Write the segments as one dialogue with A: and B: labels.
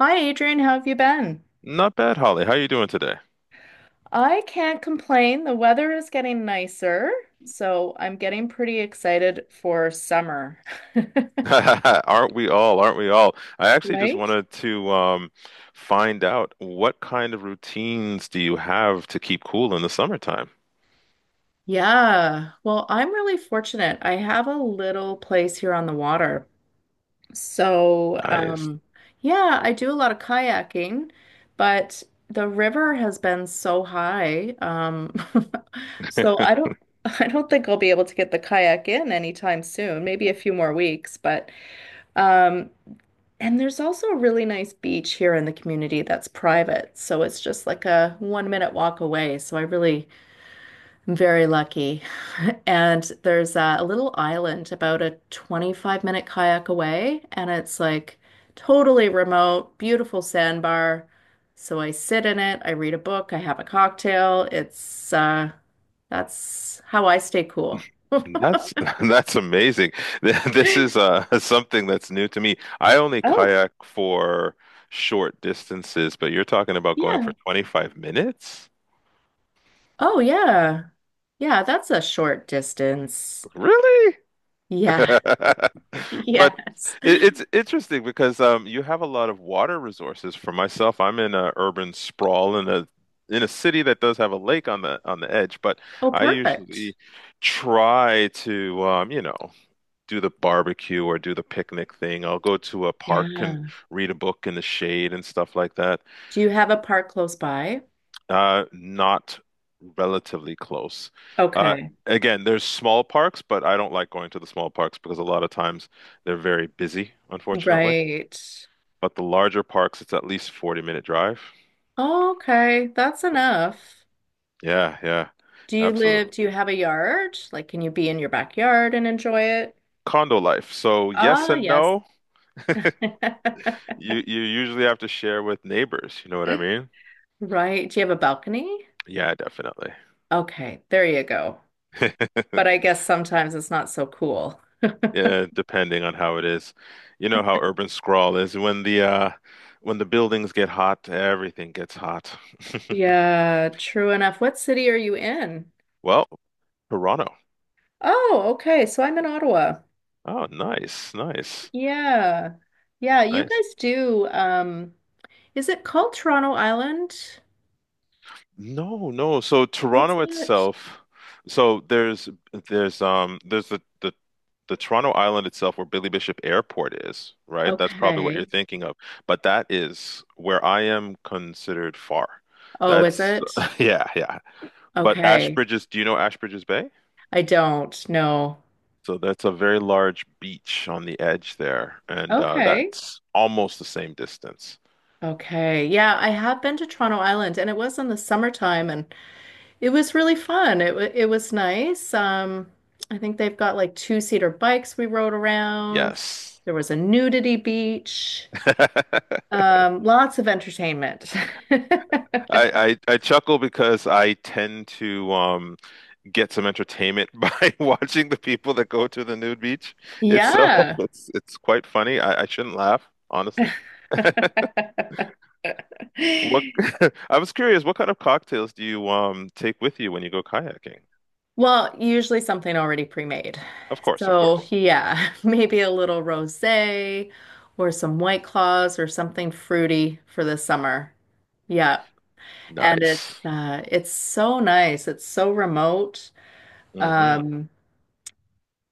A: Hi, Adrian. How have you been?
B: Not bad, Holly. How you doing today?
A: I can't complain. The weather is getting nicer, so I'm getting pretty excited for summer.
B: Aren't we all? Aren't we all? I actually just
A: Right?
B: wanted to find out what kind of routines do you have to keep cool in the summertime?
A: Yeah. Well, I'm really fortunate. I have a little place here on the water. So,
B: I,
A: yeah, I do a lot of kayaking, but the river has been so high. So I don't think I'll be able to get the kayak in anytime soon, maybe a few more weeks, but um And there's also a really nice beach here in the community that's private. So it's just like a 1 minute walk away. So I really am very lucky. And there's a little island about a 25-minute kayak away. And it's like totally remote, beautiful sandbar. So I sit in it, I read a book, I have a cocktail. It's that's how I stay cool.
B: that's that's amazing. This is something that's new to me. I only
A: Oh.
B: kayak for short distances, but you're talking about going for
A: Yeah.
B: 25 minutes?
A: Oh, yeah. Yeah, that's a short distance.
B: Really?
A: Yeah.
B: But
A: Yes.
B: it's interesting because you have a lot of water resources. For myself, I'm in a urban sprawl in a city that does have a lake on the edge, but
A: Oh,
B: I
A: perfect.
B: usually try to do the barbecue or do the picnic thing. I'll go to a park and
A: Yeah.
B: read a book in the shade and stuff like that.
A: Do you have a park close by?
B: Not relatively close. Uh,
A: Okay.
B: again, there's small parks, but I don't like going to the small parks because a lot of times they're very busy, unfortunately.
A: Right.
B: But the larger parks, it's at least 40-minute drive.
A: Oh, okay. That's enough.
B: Yeah, yeah, absolutely.
A: Do you have a yard? Like, can you be in your backyard and enjoy it?
B: Condo life. So yes
A: Ah,
B: and
A: yes.
B: no. You usually have to share with neighbors, you know what I mean?
A: Right. Do you have a balcony?
B: Yeah, definitely.
A: Okay. There you go. But I guess sometimes it's not so cool.
B: Yeah, depending on how it is. You know how urban sprawl is. When the buildings get hot, everything gets hot.
A: Yeah, true enough. What city are you in?
B: Well, Toronto.
A: Oh, okay. So I'm in Ottawa.
B: Oh, nice, nice,
A: Yeah. Yeah, you
B: nice.
A: guys do. Is it called Toronto Island?
B: No, no. So
A: What's
B: Toronto
A: that?
B: itself, so there's the Toronto Island itself where Billy Bishop Airport is, right? That's probably what you're
A: Okay.
B: thinking of. But that is where I am considered far.
A: Oh,
B: That's
A: is it?
B: yeah, yeah. But
A: Okay.
B: Ashbridges, do you know Ashbridges Bay?
A: I don't know.
B: So that's a very large beach on the edge there, and
A: Okay.
B: that's almost the same distance.
A: Okay. Yeah, I have been to Toronto Island, and it was in the summertime, and it was really fun. It was nice. I think they've got like two-seater bikes we rode around.
B: Yes.
A: There was a nudity beach. Lots of entertainment.
B: I chuckle because I tend to get some entertainment by watching the people that go to the nude beach itself.
A: Yeah.
B: It's quite funny. I shouldn't laugh, honestly. What I was curious, what kind of cocktails do you take with you when you go kayaking?
A: Well, usually something already pre-made.
B: Of course, of
A: So,
B: course.
A: yeah, maybe a little rosé or some White Claws or something fruity for the summer. Yeah. And
B: Nice.
A: it's so nice. It's so remote.
B: Hmm
A: Um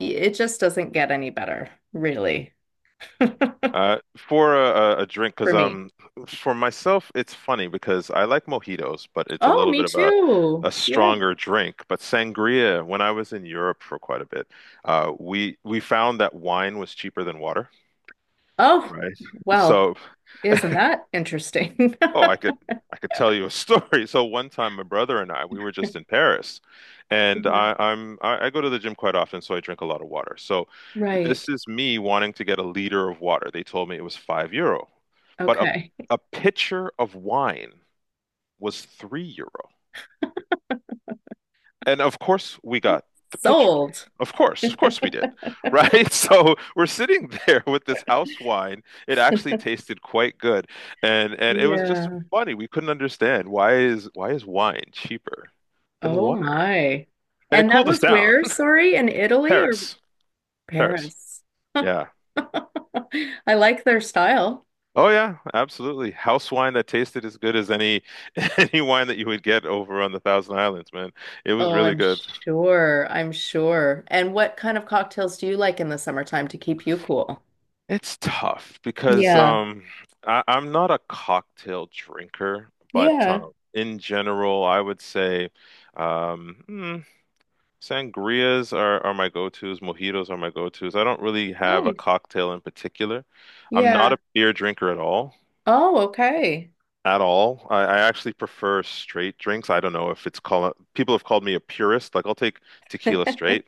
A: it just doesn't get any better, really,
B: For a drink, because
A: for me.
B: for myself, it's funny because I like mojitos, but it's a
A: Oh,
B: little
A: me
B: bit of a
A: too. Yeah.
B: stronger drink. But sangria, when I was in Europe for quite a bit, we found that wine was cheaper than water.
A: Oh,
B: Right.
A: well,
B: So,
A: isn't that interesting?
B: oh, I could I could tell you a story. So one time, my brother and I, we were just in Paris, and
A: Yeah.
B: I go to the gym quite often, so I drink a lot of water. So
A: Right.
B: this is me wanting to get a liter of water. They told me it was €5, but a
A: Okay.
B: a pitcher of wine was €3. And of course we got the picture.
A: Sold.
B: Of course we did, right? So we're sitting there with this house wine. It actually tasted quite good, and it was just
A: Yeah.
B: funny. We couldn't understand why is wine cheaper than
A: Oh
B: water?
A: my.
B: And it
A: And that
B: cooled us
A: was
B: down.
A: where, sorry, in Italy or
B: Paris, Paris,
A: Paris?
B: yeah.
A: I like their style.
B: Oh yeah, absolutely. House wine that tasted as good as any any wine that you would get over on the Thousand Islands, man. It was
A: Oh,
B: really
A: I'm
B: good.
A: sure. I'm sure. And what kind of cocktails do you like in the summertime to keep you cool?
B: It's tough because
A: Yeah.
B: I'm not a cocktail drinker, but
A: Yeah.
B: in general I would say um mm, sangrias are my go-tos, mojitos are my go-tos. I don't really have a
A: Nice.
B: cocktail in particular. I'm not
A: Yeah.
B: a beer drinker at all.
A: Oh, okay.
B: At all. I actually prefer straight drinks. I don't know if it's called people have called me a purist. Like I'll take tequila straight.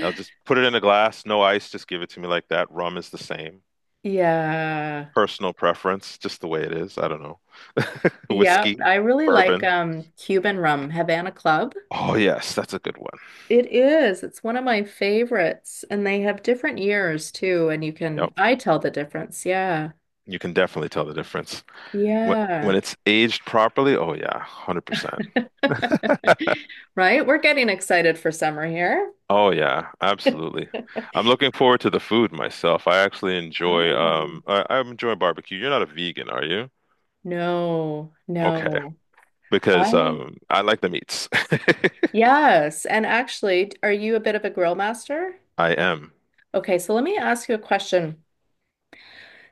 B: I'll just put it in a glass, no ice, just give it to me like that. Rum is the same.
A: Yeah.
B: Personal preference, just the way it is. I don't know.
A: Yeah.
B: Whiskey,
A: I really like
B: bourbon.
A: Cuban rum, Havana Club.
B: Oh yes, that's a good one.
A: It is. It's one of my favorites. And they have different years too. And you
B: Yep.
A: can, I tell the difference. Yeah.
B: You can definitely tell the difference. When
A: Yeah.
B: when it's aged properly, oh yeah, 100%.
A: Right? We're getting excited for summer here.
B: Oh yeah, absolutely. I'm looking forward to the food myself. I actually enjoy
A: Oh,
B: I enjoy barbecue. You're not a vegan, are you?
A: no,
B: Okay.
A: no.
B: Because
A: I,
B: I like the meats.
A: yes. And actually, are you a bit of a grill master?
B: I am.
A: Okay, so let me ask you a question.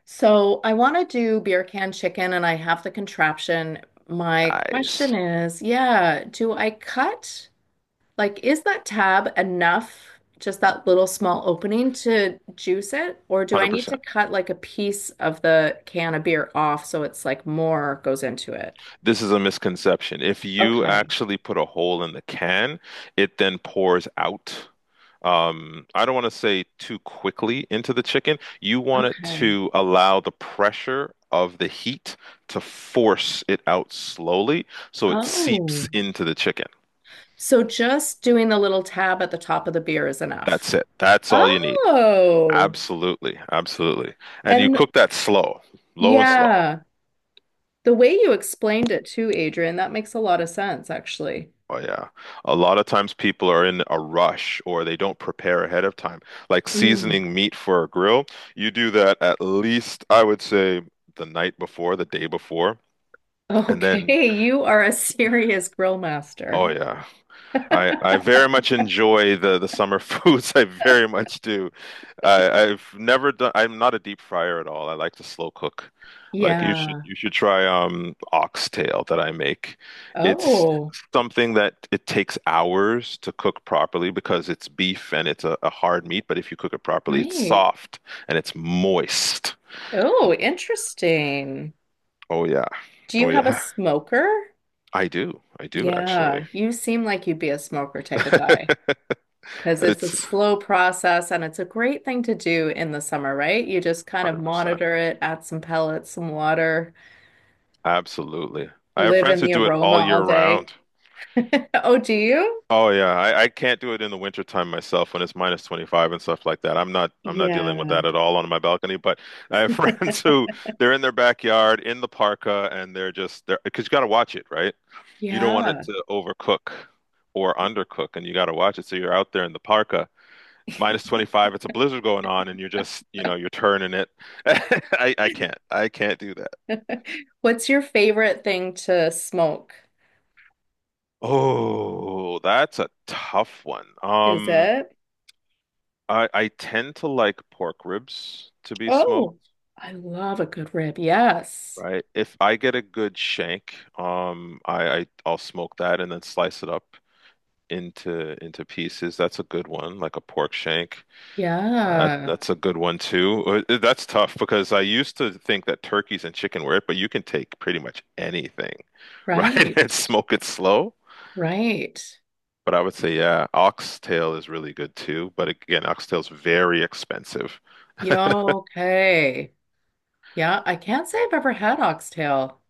A: So I want to do beer can chicken, and I have the contraption. My question
B: Nice.
A: is, yeah, do I cut? Like, is that tab enough, just that little small opening to juice it? Or do I need
B: 100%.
A: to cut like a piece of the can of beer off so it's like more goes into it?
B: This is a misconception. If you
A: Okay.
B: actually put a hole in the can, it then pours out. I don't want to say too quickly into the chicken. You want it
A: Okay.
B: to allow the pressure of the heat to force it out slowly so it seeps
A: Oh.
B: into the chicken.
A: So just doing the little tab at the top of the beer is enough.
B: That's it. That's all you need.
A: Oh.
B: Absolutely. Absolutely. And you
A: And
B: cook that slow, low and slow.
A: yeah, the way you explained it too, Adrian, that makes a lot of sense, actually.
B: Oh yeah. A lot of times people are in a rush or they don't prepare ahead of time. Like
A: Mm.
B: seasoning meat for a grill, you do that at least I would say the night before, the day before, and then
A: Okay, you are a serious grill
B: oh
A: master.
B: yeah. I very much enjoy the summer foods. I very much do. I I've never done. I'm not a deep fryer at all. I like to slow cook. Like
A: Yeah.
B: you should try oxtail that I make. It's
A: Oh,
B: something that it takes hours to cook properly because it's beef and it's a hard meat. But if you cook it properly, it's
A: right.
B: soft and it's moist.
A: Oh, interesting.
B: Oh yeah,
A: Do you
B: oh
A: have a
B: yeah.
A: smoker?
B: I do. I do actually.
A: Yeah, you seem like you'd be a smoker type of guy because it's a
B: It's
A: slow process and it's a great thing to do in the summer, right? You just kind of
B: 100%.
A: monitor it, add some pellets, some water,
B: Absolutely. I have
A: live
B: friends
A: in
B: who
A: the
B: do it
A: aroma
B: all year
A: all day.
B: round.
A: Oh, do you?
B: Oh yeah, I can't do it in the wintertime myself when it's minus 25 and stuff like that. I'm not dealing with
A: Yeah.
B: that at all on my balcony, but I have friends who they're in their backyard in the parka and they're just they're because you got to watch it, right? You don't want it
A: Yeah.
B: to overcook or undercook and you got to watch it. So you're out there in the parka, minus 25, it's a blizzard going on and you're just, you know, you're turning it. I can't. I can't do.
A: What's your favorite thing to smoke?
B: Oh, that's a tough one.
A: Is it?
B: I tend to like pork ribs to be
A: Oh,
B: smoked,
A: I love a good rib. Yes.
B: right? If I get a good shank, I I'll smoke that and then slice it up into pieces. That's a good one, like a pork shank.
A: Yeah,
B: That's a good one too. That's tough because I used to think that turkeys and chicken were it, but you can take pretty much anything, right?
A: right,
B: And smoke it slow.
A: right.
B: But I would say, yeah, oxtail is really good too. But again, oxtail's very expensive.
A: Yeah, okay. Yeah, I can't say I've ever had oxtail.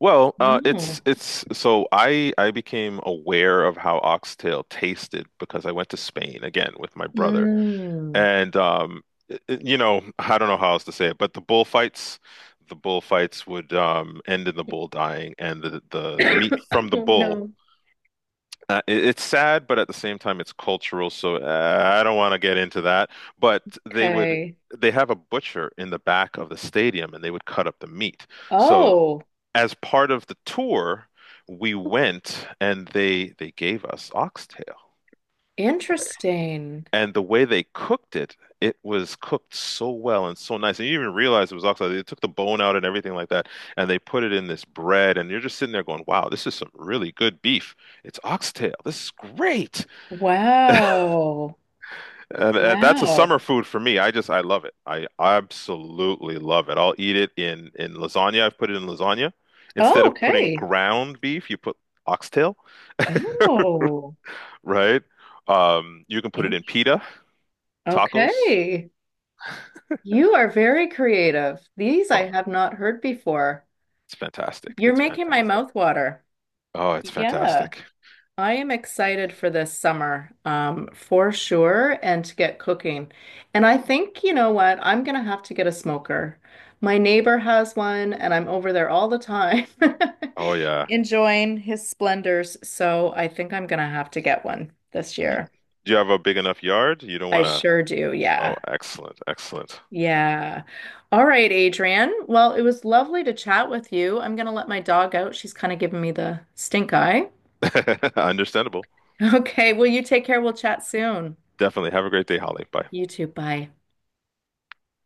A: No.
B: It's so I became aware of how oxtail tasted because I went to Spain again with my brother,
A: Mm.
B: and you know, I don't know how else to say it, but the bullfights would end in the bull dying, and the meat from the bull.
A: No.
B: It's sad, but at the same time, it's cultural, so I don't want to get into that. But
A: Okay.
B: they have a butcher in the back of the stadium, and they would cut up the meat. So
A: Oh,
B: as part of the tour, we went and they gave us oxtail.
A: interesting.
B: And the way they cooked it, it was cooked so well and so nice. And you didn't even realize it was oxtail. They took the bone out and everything like that, and they put it in this bread. And you're just sitting there going, "Wow, this is some really good beef. It's oxtail. This is great."
A: Wow.
B: And that's a summer
A: Wow.
B: food for me. I love it. I absolutely love it. I'll eat it in lasagna. I've put it in lasagna.
A: Oh,
B: Instead of putting
A: okay.
B: ground beef, you put oxtail,
A: Oh,
B: right? You can put it
A: in-
B: in pita, tacos.
A: okay. You are very creative. These I
B: Oh,
A: have not heard before.
B: it's fantastic.
A: You're
B: It's
A: making my
B: fantastic.
A: mouth water.
B: Oh, it's
A: Yeah.
B: fantastic.
A: I am excited for this summer, for sure, and to get cooking. And I think, you know what, I'm gonna have to get a smoker. My neighbor has one, and I'm over there all the time,
B: Oh yeah.
A: enjoying his splendors. So I think I'm gonna have to get one this
B: Y-
A: year.
B: Do you have a big enough yard? You don't
A: I
B: want to.
A: sure do. Yeah.
B: Oh, excellent, excellent.
A: Yeah. All right, Adrian. Well, it was lovely to chat with you. I'm gonna let my dog out. She's kind of giving me the stink eye.
B: Understandable.
A: Okay. Well, you take care. We'll chat soon.
B: Definitely. Have a great day, Holly. Bye.
A: You too. Bye.